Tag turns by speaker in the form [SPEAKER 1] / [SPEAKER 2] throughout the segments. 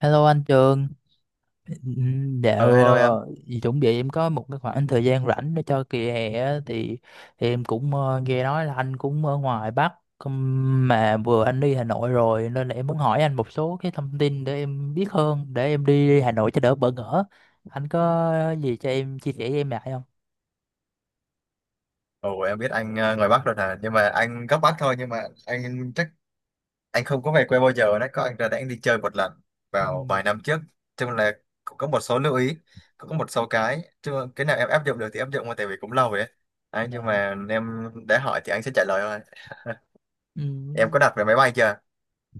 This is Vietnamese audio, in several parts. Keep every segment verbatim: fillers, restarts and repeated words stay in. [SPEAKER 1] Hello anh Trường. Ừm,
[SPEAKER 2] Ờ
[SPEAKER 1] dạo
[SPEAKER 2] hello em.
[SPEAKER 1] ờ, Chuẩn bị em có một cái khoảng thời gian rảnh để cho kỳ hè á, thì, thì em cũng ờ, nghe nói là anh cũng ở ngoài Bắc ừm, mà vừa anh đi Hà Nội rồi, nên là em muốn hỏi anh một số cái thông tin để em biết hơn, để em đi Hà Nội cho đỡ bỡ ngỡ. Anh có gì cho em chia sẻ với em lại không?
[SPEAKER 2] Ồ em biết anh ờ, ngoài Bắc rồi nè, nhưng mà anh gốc Bắc thôi, nhưng mà anh chắc anh không có về quê bao giờ đấy, có anh ra đây anh đi chơi một lần vào
[SPEAKER 1] Ừm,
[SPEAKER 2] vài năm trước. Chung là cũng có một số lưu ý, cũng có một số cái, chứ cái nào em áp dụng được thì áp dụng, mà tại vì cũng lâu rồi ấy. Đấy, nhưng
[SPEAKER 1] dạ.
[SPEAKER 2] mà em đã hỏi thì anh sẽ trả lời thôi. Em
[SPEAKER 1] Ừm,
[SPEAKER 2] có đặt vé máy bay chưa?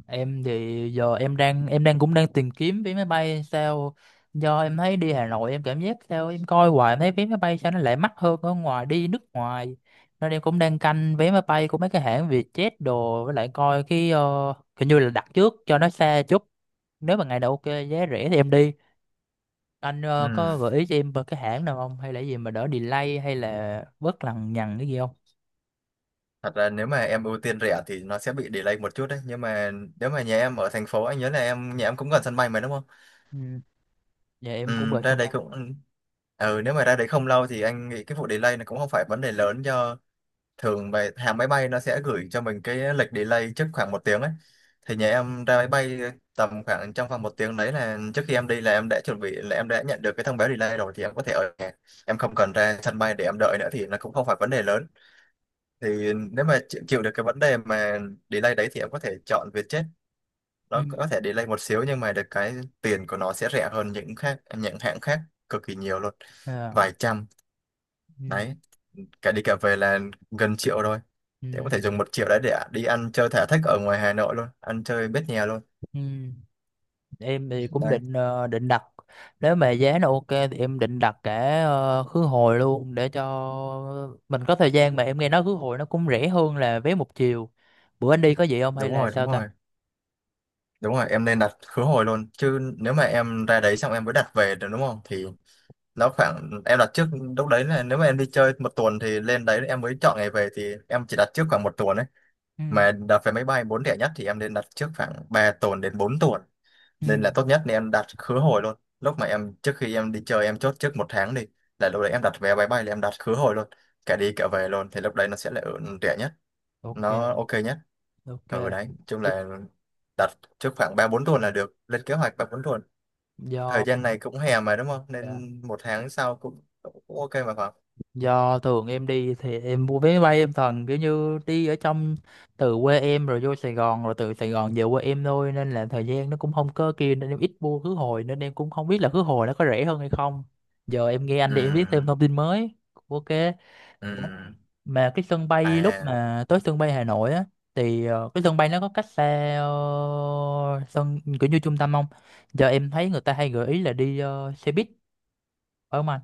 [SPEAKER 1] Em thì giờ em đang em đang cũng đang tìm kiếm vé máy bay, sao do em thấy đi Hà Nội em cảm giác sao, em coi hoài em thấy vé máy bay sao nó lại mắc hơn ở ngoài đi nước ngoài, nên em cũng đang canh vé máy bay của mấy cái hãng Vietjet đồ, với lại coi cái ờ, hình như là đặt trước cho nó xa chút, nếu mà ngày đầu ok, giá rẻ thì em đi. Anh ờ, có
[SPEAKER 2] Ừ,
[SPEAKER 1] gợi ý cho em về cái hãng nào không, hay là gì mà đỡ delay hay là bớt lằng nhằng cái gì không?
[SPEAKER 2] thật ra nếu mà em ưu tiên rẻ thì nó sẽ bị delay một chút đấy, nhưng mà nếu mà nhà em ở thành phố, anh nhớ là em nhà em cũng gần sân bay mà đúng không?
[SPEAKER 1] Ừ. Dạ
[SPEAKER 2] Ừ,
[SPEAKER 1] em cũng về
[SPEAKER 2] ra
[SPEAKER 1] sân
[SPEAKER 2] đấy
[SPEAKER 1] bay.
[SPEAKER 2] cũng ừ, nếu mà ra đấy không lâu thì anh nghĩ cái vụ delay nó cũng không phải vấn đề lớn, do thường về hãng máy bay nó sẽ gửi cho mình cái lịch delay trước khoảng một tiếng ấy, thì nhà em ra máy bay tầm khoảng trong vòng một tiếng đấy, là trước khi em đi là em đã chuẩn bị, là em đã nhận được cái thông báo delay rồi thì em có thể ở nhà, em không cần ra sân bay để em đợi nữa, thì nó cũng không phải vấn đề lớn. Thì nếu mà chịu chịu được cái vấn đề mà delay đấy thì em có thể chọn Vietjet.
[SPEAKER 1] Ừ.
[SPEAKER 2] Nó có thể delay một xíu nhưng mà được cái tiền của nó sẽ rẻ hơn những khác những hãng khác cực kỳ nhiều luôn,
[SPEAKER 1] À.
[SPEAKER 2] vài trăm
[SPEAKER 1] Ừ.
[SPEAKER 2] đấy, cả đi cả về là gần triệu thôi, để có
[SPEAKER 1] Ừ.
[SPEAKER 2] thể dùng một triệu đấy để đi ăn chơi thả thích ở ngoài Hà Nội luôn, ăn chơi bết nhè luôn
[SPEAKER 1] Ừ. Em thì cũng
[SPEAKER 2] đấy.
[SPEAKER 1] định ờ, định đặt, nếu mà giá nó ok thì em định đặt cả ờ, khứ hồi luôn để cho mình có thời gian, mà em nghe nói khứ hồi nó cũng rẻ hơn là vé một chiều. Bữa anh đi có vậy không hay
[SPEAKER 2] Đúng
[SPEAKER 1] là
[SPEAKER 2] rồi, đúng
[SPEAKER 1] sao ta?
[SPEAKER 2] rồi, đúng rồi, em nên đặt khứ hồi luôn, chứ nếu mà em ra đấy xong em mới đặt về được đúng không, thì nó khoảng em đặt trước, lúc đấy là nếu mà em đi chơi một tuần thì lên đấy em mới chọn ngày về, thì em chỉ đặt trước khoảng một tuần ấy,
[SPEAKER 1] Ừ.
[SPEAKER 2] mà đặt vé máy bay bốn thẻ nhất thì em nên đặt trước khoảng ba tuần đến bốn tuần,
[SPEAKER 1] Ừ.
[SPEAKER 2] nên là tốt nhất nên em đặt khứ hồi luôn. Lúc mà em trước khi em đi chơi em chốt trước một tháng đi, là lúc đấy em đặt vé máy bay là em đặt khứ hồi luôn, cả đi cả về luôn, thì lúc đấy nó sẽ là ở rẻ nhất,
[SPEAKER 1] Ok.
[SPEAKER 2] nó ok nhất.
[SPEAKER 1] Ok.
[SPEAKER 2] Ừ, đấy chung
[SPEAKER 1] Đức.
[SPEAKER 2] là đặt trước khoảng ba bốn tuần là được, lên kế hoạch ba bốn tuần. Thời
[SPEAKER 1] Do.
[SPEAKER 2] gian này cũng hè mà đúng không,
[SPEAKER 1] Dạ.
[SPEAKER 2] nên một tháng sau cũng, cũng ok mà phải không.
[SPEAKER 1] Do thường em đi thì em mua vé máy bay em toàn kiểu như đi ở trong, từ quê em rồi vô Sài Gòn rồi từ Sài Gòn về quê em thôi, nên là thời gian nó cũng không có kia, nên em ít mua khứ hồi nên em cũng không biết là khứ hồi nó có rẻ hơn hay không. Giờ em nghe anh
[SPEAKER 2] Ừ.
[SPEAKER 1] đi em biết thêm thông tin mới. Ok.
[SPEAKER 2] Ừ.
[SPEAKER 1] Ủa, mà cái sân bay lúc
[SPEAKER 2] À.
[SPEAKER 1] mà tới sân bay Hà Nội á, thì ờ, cái sân bay nó có cách xa ờ, sân kiểu như trung tâm không? Giờ em thấy người ta hay gợi ý là đi ờ, xe buýt, phải không anh?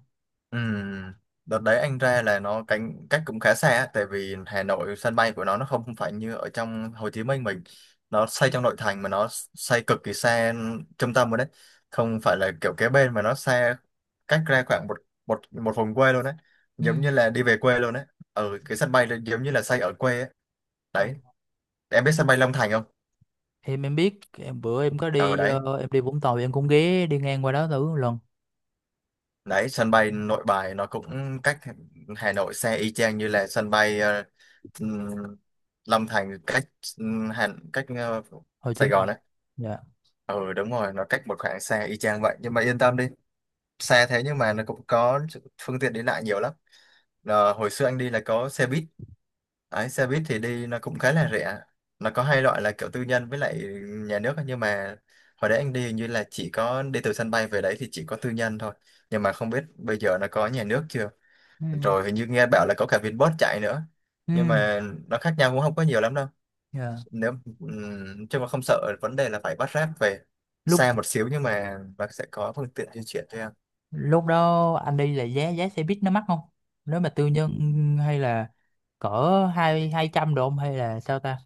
[SPEAKER 2] Ừ, đợt đấy anh ra là nó cánh cách cũng khá xa á, tại vì Hà Nội sân bay của nó nó không phải như ở trong Hồ Chí Minh mình, nó xây trong nội thành, mà nó xây cực kỳ xa trung tâm rồi đấy, không phải là kiểu kế bên mà nó xa, cách ra khoảng một một một vùng quê luôn đấy, giống như là đi về quê luôn đấy, ở cái sân bay là giống như là xây ở quê ấy.
[SPEAKER 1] Ừ.
[SPEAKER 2] Đấy, em biết sân bay Long Thành không?
[SPEAKER 1] em em biết, em bữa em có
[SPEAKER 2] Ở
[SPEAKER 1] đi
[SPEAKER 2] đấy.
[SPEAKER 1] ờ, em đi Vũng Tàu thì em cũng ghé đi ngang qua đó thử một lần.
[SPEAKER 2] Đấy, sân bay Nội Bài nó cũng cách Hà Nội xe y chang như là sân bay ờ, ừm, Long Thành cách ừm, Hà cách ờ,
[SPEAKER 1] Hồ Chí
[SPEAKER 2] Sài Gòn
[SPEAKER 1] Minh.
[SPEAKER 2] đấy.
[SPEAKER 1] Dạ.
[SPEAKER 2] Ừ đúng rồi, nó cách một khoảng xe y chang vậy, nhưng mà yên tâm đi, xe thế nhưng mà nó cũng có phương tiện đi lại nhiều lắm. Ờ, hồi xưa anh đi là có xe buýt. Đấy, xe buýt thì đi nó cũng khá là rẻ, nó có hai loại là kiểu tư nhân với lại nhà nước ấy. Nhưng mà hồi đấy anh đi hình như là chỉ có đi từ sân bay về đấy thì chỉ có tư nhân thôi, nhưng mà không biết bây giờ nó có nhà nước chưa,
[SPEAKER 1] Ừ.
[SPEAKER 2] rồi hình như nghe bảo là có cả Vinbus chạy nữa,
[SPEAKER 1] Ừ.
[SPEAKER 2] nhưng mà nó khác nhau cũng không có nhiều lắm đâu.
[SPEAKER 1] Dạ.
[SPEAKER 2] Nếu ừm, Chứ mà không sợ vấn đề là phải bắt Grab về,
[SPEAKER 1] lúc
[SPEAKER 2] xa một xíu nhưng mà nó sẽ có phương tiện di chuyển cho em.
[SPEAKER 1] lúc đó anh đi là giá giá xe buýt nó mắc không, nếu mà tư nhân, hay là cỡ hai hai trăm độ không hay là sao ta?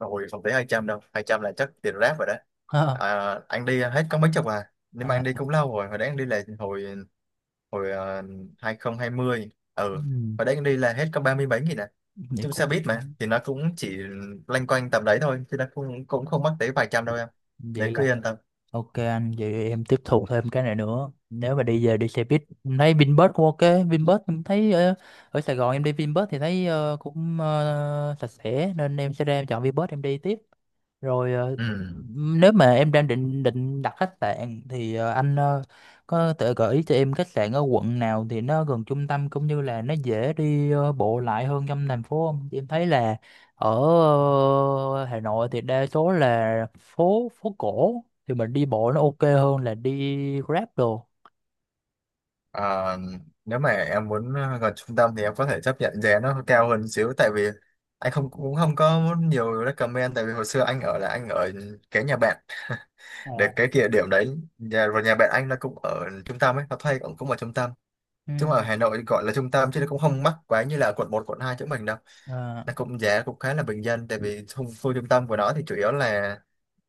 [SPEAKER 2] Rồi, không thể hai trăm đâu, hai trăm là chắc tiền Grab rồi đó. À, anh đi hết có mấy chục à, nhưng mà
[SPEAKER 1] à,
[SPEAKER 2] anh đi cũng lâu rồi, hồi đấy anh đi là hồi hồi ờ, hai không hai không. Ừ,
[SPEAKER 1] ừ,
[SPEAKER 2] hồi đấy anh đi là hết có ba mươi mấy nghìn à.
[SPEAKER 1] vậy
[SPEAKER 2] Chung
[SPEAKER 1] cũng,
[SPEAKER 2] xe buýt mà thì nó cũng chỉ loanh quanh tầm đấy thôi, chứ nó cũng cũng không mắc tới vài trăm đâu em,
[SPEAKER 1] vậy
[SPEAKER 2] để cứ
[SPEAKER 1] là
[SPEAKER 2] yên tâm.
[SPEAKER 1] ok anh, vậy em tiếp thu thêm cái này nữa. Nếu mà đi về đi xe buýt, em thấy Vinbus cũng ok. Vinbus em thấy ở, ở Sài Gòn em đi Vinbus thì thấy ờ, cũng ờ, sạch sẽ nên em sẽ ra em chọn Vinbus em đi tiếp. Rồi ờ,
[SPEAKER 2] Ừ.
[SPEAKER 1] Nếu mà em đang định định đặt khách sạn thì ờ, anh ờ, có thể gợi ý cho em khách sạn ở quận nào thì nó gần trung tâm, cũng như là nó dễ đi ờ, bộ lại hơn trong thành phố không? Em thấy là ở ờ, Hà Nội thì đa số là phố phố cổ, thì mình đi bộ nó ok hơn là đi Grab đồ.
[SPEAKER 2] Ờ, Nếu mà em muốn ờ, gần trung tâm thì em có thể chấp nhận giá nó cao hơn xíu, tại vì anh không, cũng không có nhiều recommend, tại vì hồi xưa anh ở là anh ở kế nhà bạn, để
[SPEAKER 1] À.
[SPEAKER 2] cái địa điểm đấy, nhà và nhà bạn anh nó cũng ở trung tâm ấy, nó thuê cũng cũng ở trung tâm,
[SPEAKER 1] Ừ.
[SPEAKER 2] chứ mà ở Hà Nội gọi là trung tâm chứ nó cũng không mắc quá như là quận một quận hai chỗ mình đâu,
[SPEAKER 1] À.
[SPEAKER 2] nó cũng giá cũng khá là bình dân, tại vì khu, khu trung tâm của nó thì chủ yếu là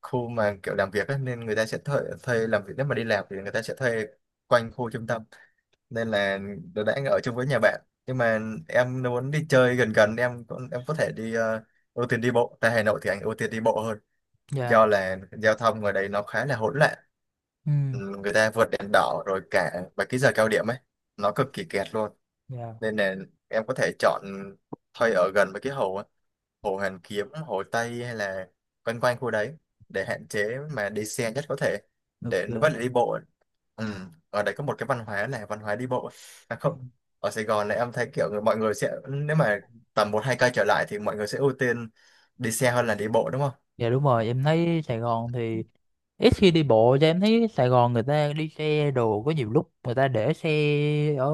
[SPEAKER 2] khu mà kiểu làm việc ấy, nên người ta sẽ thuê, thuê làm việc, nếu mà đi làm thì người ta sẽ thuê quanh khu trung tâm, nên là đỡ đã ở chung với nhà bạn. Nhưng mà em nếu muốn đi chơi gần gần, em cũng- em có thể đi ờ, ưu tiên đi bộ, tại Hà Nội thì anh ưu tiên đi bộ hơn,
[SPEAKER 1] Dạ.
[SPEAKER 2] do là giao thông ngoài đấy nó khá là hỗn loạn.
[SPEAKER 1] Ừ.
[SPEAKER 2] Ừ, người ta vượt đèn đỏ rồi cả và cái giờ cao điểm ấy nó cực kỳ kẹt luôn,
[SPEAKER 1] Dạ.
[SPEAKER 2] nên là em có thể chọn thuê ở gần với cái hồ á, hồ Hoàn Kiếm, hồ Tây hay là quanh quanh khu đấy, để hạn chế mà đi xe nhất có thể, để nó vẫn
[SPEAKER 1] Ok.
[SPEAKER 2] là đi bộ. Ừ. Ở đây có một cái văn hóa là văn hóa đi bộ. À,
[SPEAKER 1] Ừ.
[SPEAKER 2] không, ở Sài Gòn này em thấy kiểu người mọi người sẽ, nếu mà tầm một hai cây trở lại thì mọi người sẽ ưu tiên đi xe hơn là đi bộ đúng không.
[SPEAKER 1] Dạ đúng rồi, em thấy Sài Gòn thì ít khi đi bộ, cho em thấy Sài Gòn người ta đi xe đồ, có nhiều lúc người ta để xe ở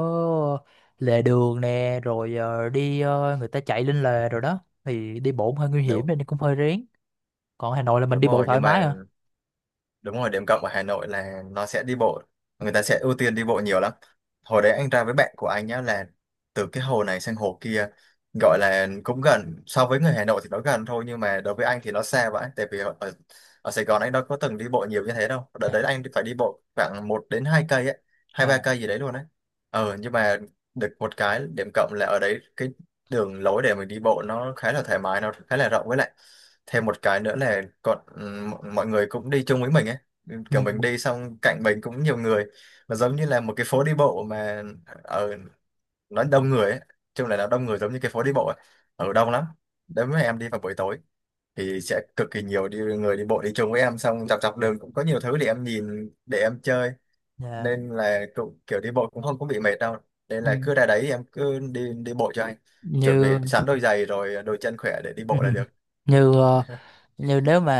[SPEAKER 1] lề đường nè, rồi ờ, đi ờ, người ta chạy lên lề rồi đó, thì đi bộ cũng hơi nguy hiểm
[SPEAKER 2] Đúng,
[SPEAKER 1] nên cũng hơi rén. Còn Hà Nội là mình
[SPEAKER 2] đúng
[SPEAKER 1] đi bộ
[SPEAKER 2] rồi,
[SPEAKER 1] thoải
[SPEAKER 2] nhưng
[SPEAKER 1] mái
[SPEAKER 2] mà
[SPEAKER 1] à.
[SPEAKER 2] đúng rồi, điểm cộng ở Hà Nội là nó sẽ đi bộ, người ta sẽ ưu tiên đi bộ nhiều lắm. Hồi đấy anh ra với bạn của anh nhá, là từ cái hồ này sang hồ kia, gọi là cũng gần so với người Hà Nội thì nó gần thôi, nhưng mà đối với anh thì nó xa vậy, tại vì ở, ở ở Sài Gòn anh đâu có từng đi bộ nhiều như thế đâu, đợt đấy anh phải đi bộ khoảng một đến hai cây ấy, hai ba
[SPEAKER 1] À.
[SPEAKER 2] cây gì đấy luôn đấy. Ờ nhưng mà được một cái điểm cộng là ở đấy cái đường lối để mình đi bộ nó khá là thoải mái, nó khá là rộng, với lại thêm một cái nữa là còn ừm, mọi người cũng đi chung với mình ấy,
[SPEAKER 1] Ừ.
[SPEAKER 2] kiểu mình đi xong cạnh mình cũng nhiều người, mà giống như là một cái phố đi bộ mà, ở nó
[SPEAKER 1] Dạ.
[SPEAKER 2] đông người ấy. Chung là nó đông người giống như cái phố đi bộ ấy. Ở đông lắm đấy, mà em đi vào buổi tối thì sẽ cực kỳ nhiều đi người đi bộ đi chung với em. Xong dọc dọc đường cũng có nhiều thứ để em nhìn, để em chơi,
[SPEAKER 1] Dạ.
[SPEAKER 2] nên là cũng kiểu đi bộ cũng không có bị mệt đâu. Nên
[SPEAKER 1] Ừ.
[SPEAKER 2] là cứ ra đấy em cứ đi đi bộ cho anh, chuẩn bị
[SPEAKER 1] Như.
[SPEAKER 2] sẵn đôi giày rồi đôi chân khỏe để đi bộ là được.
[SPEAKER 1] như ờ, Như nếu mà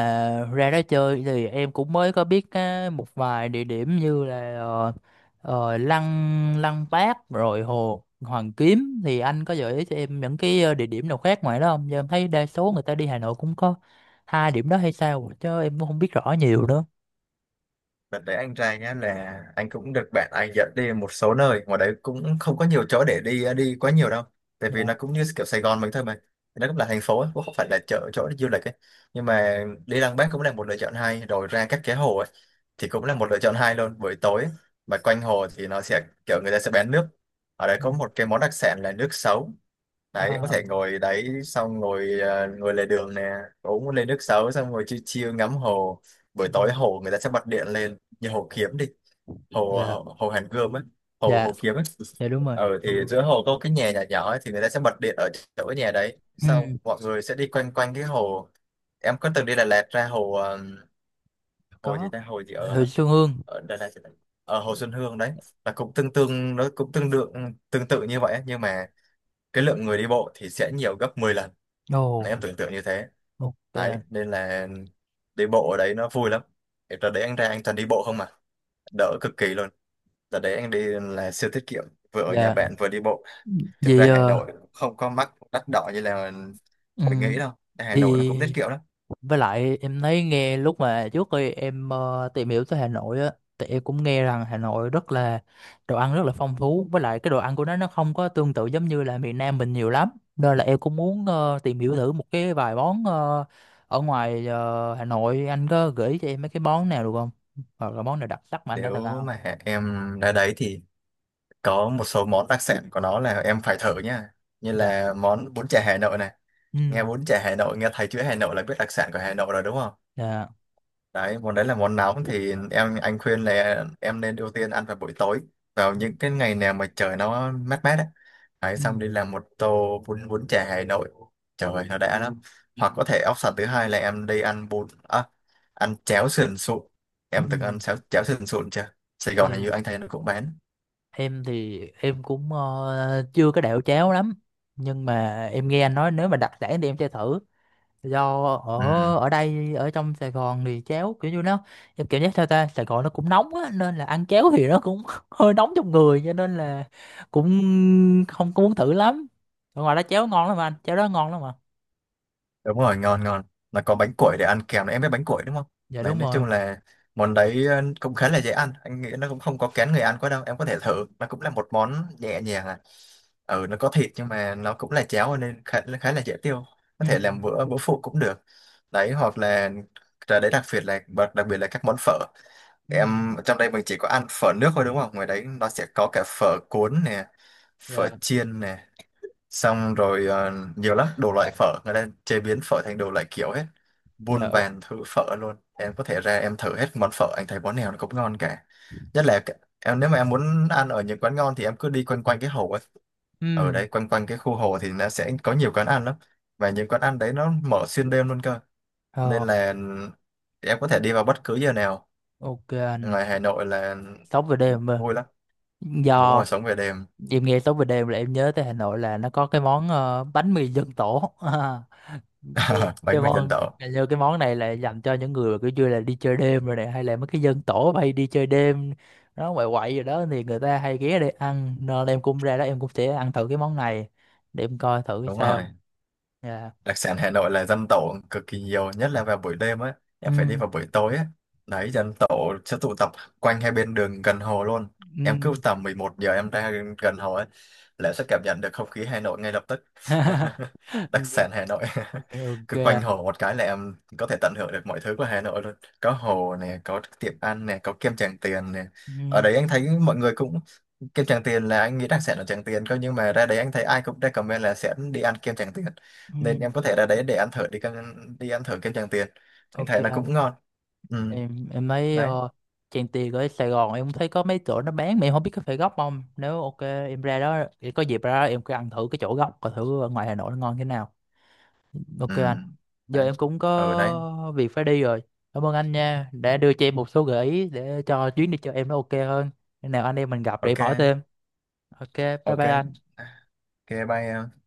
[SPEAKER 1] ra đó chơi thì em cũng mới có biết á, một vài địa điểm như là ờ, ờ, Lăng Lăng Bác rồi Hồ Hoàn Kiếm, thì anh có gợi ý cho em những cái ờ, địa điểm nào khác ngoài đó không? Giờ em thấy đa số người ta đi Hà Nội cũng có hai điểm đó hay sao chứ em cũng không biết rõ nhiều nữa.
[SPEAKER 2] Đợt đấy anh trai nhá, là anh cũng được bạn anh dẫn đi một số nơi, ngoài đấy cũng không có nhiều chỗ để đi, ờ, đi quá nhiều đâu, tại vì
[SPEAKER 1] Dạ.
[SPEAKER 2] nó cũng như kiểu Sài Gòn mình thôi mà, nó cũng là thành phố ấy, cũng không phải là chợ chỗ để du lịch ấy. Nhưng mà đi Lăng Bác cũng là một lựa chọn hay, rồi ra các cái hồ ấy thì cũng là một lựa chọn hay luôn. Buổi tối mà quanh hồ thì nó sẽ kiểu người ta sẽ bán nước, ở đấy
[SPEAKER 1] Ừ.
[SPEAKER 2] có một cái món đặc sản là nước sấu đấy.
[SPEAKER 1] Ờ.
[SPEAKER 2] Có thể ngồi đấy, xong ngồi ờ, ngồi lề đường nè, uống một ly nước sấu, xong ngồi chill chill ngắm hồ.
[SPEAKER 1] Ừ.
[SPEAKER 2] Buổi tối hồ người ta sẽ bật điện lên, như hồ Kiếm đi, hồ
[SPEAKER 1] Dạ.
[SPEAKER 2] hồ, hồ Hàn Gươm á, hồ
[SPEAKER 1] Dạ.
[SPEAKER 2] hồ Kiếm á.
[SPEAKER 1] Dạ đúng rồi.
[SPEAKER 2] Ờ
[SPEAKER 1] Ừ.
[SPEAKER 2] thì giữa hồ có cái nhà nhỏ nhỏ ấy, thì người ta sẽ bật điện ở chỗ cái nhà đấy,
[SPEAKER 1] Ừ.
[SPEAKER 2] sau mọi người sẽ đi quanh quanh cái hồ. Em có từng đi Đà Lạt ra hồ ờ, hồ gì
[SPEAKER 1] Có.
[SPEAKER 2] ta, hồ gì
[SPEAKER 1] Huyện
[SPEAKER 2] ở
[SPEAKER 1] Xuân Hương.
[SPEAKER 2] ở Đà Lạt, ở Hồ Xuân Hương đấy, là cũng tương tương nó cũng tương đương, tương tự như vậy ấy, nhưng mà cái lượng người đi bộ thì sẽ nhiều gấp mười lần. Đấy,
[SPEAKER 1] Ồ.
[SPEAKER 2] em tưởng tượng như thế.
[SPEAKER 1] Ok.
[SPEAKER 2] Đấy nên là đi bộ ở đấy nó vui lắm. Thì đợt đấy anh ra anh toàn đi bộ không, mà đỡ cực kỳ luôn. Đợt đấy anh đi là siêu tiết kiệm, vừa ở nhà
[SPEAKER 1] Dạ.
[SPEAKER 2] bạn vừa đi bộ. Thực
[SPEAKER 1] Vì
[SPEAKER 2] ra Hà
[SPEAKER 1] ờ,
[SPEAKER 2] Nội không có mắc đắt đỏ như là
[SPEAKER 1] ừ.
[SPEAKER 2] mình nghĩ đâu, Hà Nội nó cũng tiết
[SPEAKER 1] Vì
[SPEAKER 2] kiệm lắm.
[SPEAKER 1] Với lại em thấy nghe lúc mà trước khi em ờ, tìm hiểu tới Hà Nội á, thì em cũng nghe rằng Hà Nội rất là, đồ ăn rất là phong phú, với lại cái đồ ăn của nó nó không có tương tự giống như là miền Nam mình nhiều lắm. Nên là em cũng muốn ờ, tìm hiểu thử một cái vài món ờ, ở ngoài ờ, Hà Nội, anh có gửi cho em mấy cái món nào được không? Hoặc là món nào đặc sắc mà anh đã từng ăn
[SPEAKER 2] Nếu
[SPEAKER 1] không?
[SPEAKER 2] mà em ra đấy thì có một số món đặc sản của nó là em phải thử nha, như
[SPEAKER 1] Dạ.
[SPEAKER 2] là món bún chả Hà Nội này. Nghe
[SPEAKER 1] Ừ.
[SPEAKER 2] bún chả Hà Nội, nghe thấy chữ Hà Nội là biết đặc sản của Hà Nội rồi đúng không.
[SPEAKER 1] Dạ.
[SPEAKER 2] Đấy, món đấy là món nóng, thì em anh khuyên là em nên ưu tiên ăn vào buổi tối, vào những cái ngày nào mà trời nó mát mát ấy. Đấy
[SPEAKER 1] Ừ.
[SPEAKER 2] xong đi làm một tô bún bún chả Hà Nội, trời ơi, nó đã lắm. Hoặc có thể option thứ hai là em đi ăn bún à, ăn cháo sườn sụn.
[SPEAKER 1] Ừ.
[SPEAKER 2] Em từng ăn cháo cháo sườn sụn chưa? Sài Gòn hình
[SPEAKER 1] Ừ.
[SPEAKER 2] như anh thấy nó cũng bán.
[SPEAKER 1] Em thì em cũng ờ, chưa có đẹo chéo lắm, nhưng mà em nghe anh nói nếu mà đặc sản thì em chơi thử, do
[SPEAKER 2] Ừ.
[SPEAKER 1] ở, ở đây ở trong Sài Gòn thì chéo kiểu như nó, em cảm giác sao ta, Sài Gòn nó cũng nóng á nên là ăn chéo thì nó cũng hơi nóng trong người, cho nên là cũng không có muốn thử lắm. Ở ngoài đó chéo ngon lắm anh, chéo đó ngon lắm mà.
[SPEAKER 2] Đúng rồi, ngon ngon. Là có bánh củi để ăn kèm, em biết bánh củi đúng không?
[SPEAKER 1] Dạ
[SPEAKER 2] Đấy,
[SPEAKER 1] đúng
[SPEAKER 2] nói
[SPEAKER 1] rồi.
[SPEAKER 2] chung là món đấy ờ, cũng khá là dễ ăn. Anh nghĩ nó cũng không có kén người ăn quá đâu. Em có thể thử. Nó cũng là một món nhẹ nhàng à. Ừ, nó có thịt nhưng mà nó cũng là cháo nên khá, khá là dễ tiêu. Có
[SPEAKER 1] Ừ.
[SPEAKER 2] thể làm bữa bữa phụ cũng được. Đấy, hoặc là rồi đấy, đặc biệt là bật- đặc biệt là các món phở.
[SPEAKER 1] Ừ.
[SPEAKER 2] Em trong đây mình chỉ có ăn phở nước thôi đúng không? Ngoài đấy nó sẽ có cả phở cuốn nè, phở
[SPEAKER 1] Dạ.
[SPEAKER 2] chiên nè, xong rồi ờ, nhiều lắm đồ loại phở, người ta chế biến phở thành đồ loại kiểu hết,
[SPEAKER 1] Dạ.
[SPEAKER 2] muôn vàn thứ phở luôn. Em có thể ra em thử hết món phở, anh thấy món nào nó cũng ngon cả. Nhất là cái- em nếu mà em muốn ăn ở những quán ngon thì em cứ đi quanh quanh cái hồ ấy.
[SPEAKER 1] Ừ.
[SPEAKER 2] Ở đây quanh quanh cái khu hồ thì nó sẽ có nhiều quán ăn lắm, và những quán ăn đấy nó mở xuyên đêm luôn cơ, nên
[SPEAKER 1] Ờ.
[SPEAKER 2] là em có thể đi vào bất cứ giờ nào.
[SPEAKER 1] Ok anh,
[SPEAKER 2] Ngoài Hà Nội là
[SPEAKER 1] sống về đêm mà.
[SPEAKER 2] vui lắm. Đúng
[SPEAKER 1] Do
[SPEAKER 2] rồi, sống về đêm.
[SPEAKER 1] em nghe tối về đêm là em nhớ tới Hà Nội là nó có cái món ờ, bánh mì dân tổ. À, cái cái
[SPEAKER 2] Bánh mì dân
[SPEAKER 1] món,
[SPEAKER 2] tộc.
[SPEAKER 1] hình như cái món này là dành cho những người mà kiểu như là đi chơi đêm rồi này, hay là mấy cái dân tổ hay đi chơi đêm, nó quậy quậy rồi đó, thì người ta hay ghé để ăn, nên em cũng ra đó em cũng sẽ ăn thử cái món này để em coi thử cái
[SPEAKER 2] Đúng rồi,
[SPEAKER 1] sao. Dạ.
[SPEAKER 2] đặc sản Hà Nội là dăm tổ cực kỳ nhiều, nhất là vào buổi đêm á, em phải đi
[SPEAKER 1] Ừ.
[SPEAKER 2] vào buổi tối á. Đấy, dăm tổ sẽ tụ tập quanh hai bên đường gần hồ luôn. Em cứ
[SPEAKER 1] Ừ.
[SPEAKER 2] tầm mười một giờ em ra gần hồ ấy là sẽ cảm nhận được không khí Hà Nội ngay lập tức. Đặc sản Hà Nội.
[SPEAKER 1] Ok.
[SPEAKER 2] Cứ quanh hồ một cái là em có thể tận hưởng được mọi thứ của Hà Nội luôn. Có hồ nè, có tiệm ăn nè, có kem Tràng Tiền nè. Ở
[SPEAKER 1] Ừ.
[SPEAKER 2] đấy anh thấy mọi người cũng, kem Tràng Tiền là anh nghĩ rằng sẽ là Tràng Tiền cơ, nhưng mà ra đấy anh thấy ai cũng recommend là sẽ đi ăn kem Tràng Tiền,
[SPEAKER 1] Ừ.
[SPEAKER 2] nên em có thể ra đấy để ăn thử đi kem, đi ăn thử kem Tràng Tiền. Anh
[SPEAKER 1] Ok.
[SPEAKER 2] thấy nó cũng ngon. Ừ.
[SPEAKER 1] Em em thấy
[SPEAKER 2] Đấy.
[SPEAKER 1] uh, Trang Tiền ở Sài Gòn em cũng thấy có mấy chỗ nó bán mà em không biết có phải gốc không, nếu ok em ra đó thì có dịp ra đó em cứ ăn thử cái chỗ gốc coi thử ở ngoài Hà Nội nó ngon thế nào. Ok
[SPEAKER 2] Ừ.
[SPEAKER 1] anh, giờ
[SPEAKER 2] Đấy.
[SPEAKER 1] em cũng
[SPEAKER 2] Ừ. Đấy.
[SPEAKER 1] có việc phải đi rồi. Cảm ơn anh nha, đã đưa cho em một số gợi ý để cho chuyến đi cho em nó ok hơn. Khi nào anh em mình gặp để em hỏi
[SPEAKER 2] Ok.
[SPEAKER 1] thêm. Ok, bye
[SPEAKER 2] Ok.
[SPEAKER 1] bye anh.
[SPEAKER 2] Ok, bye em.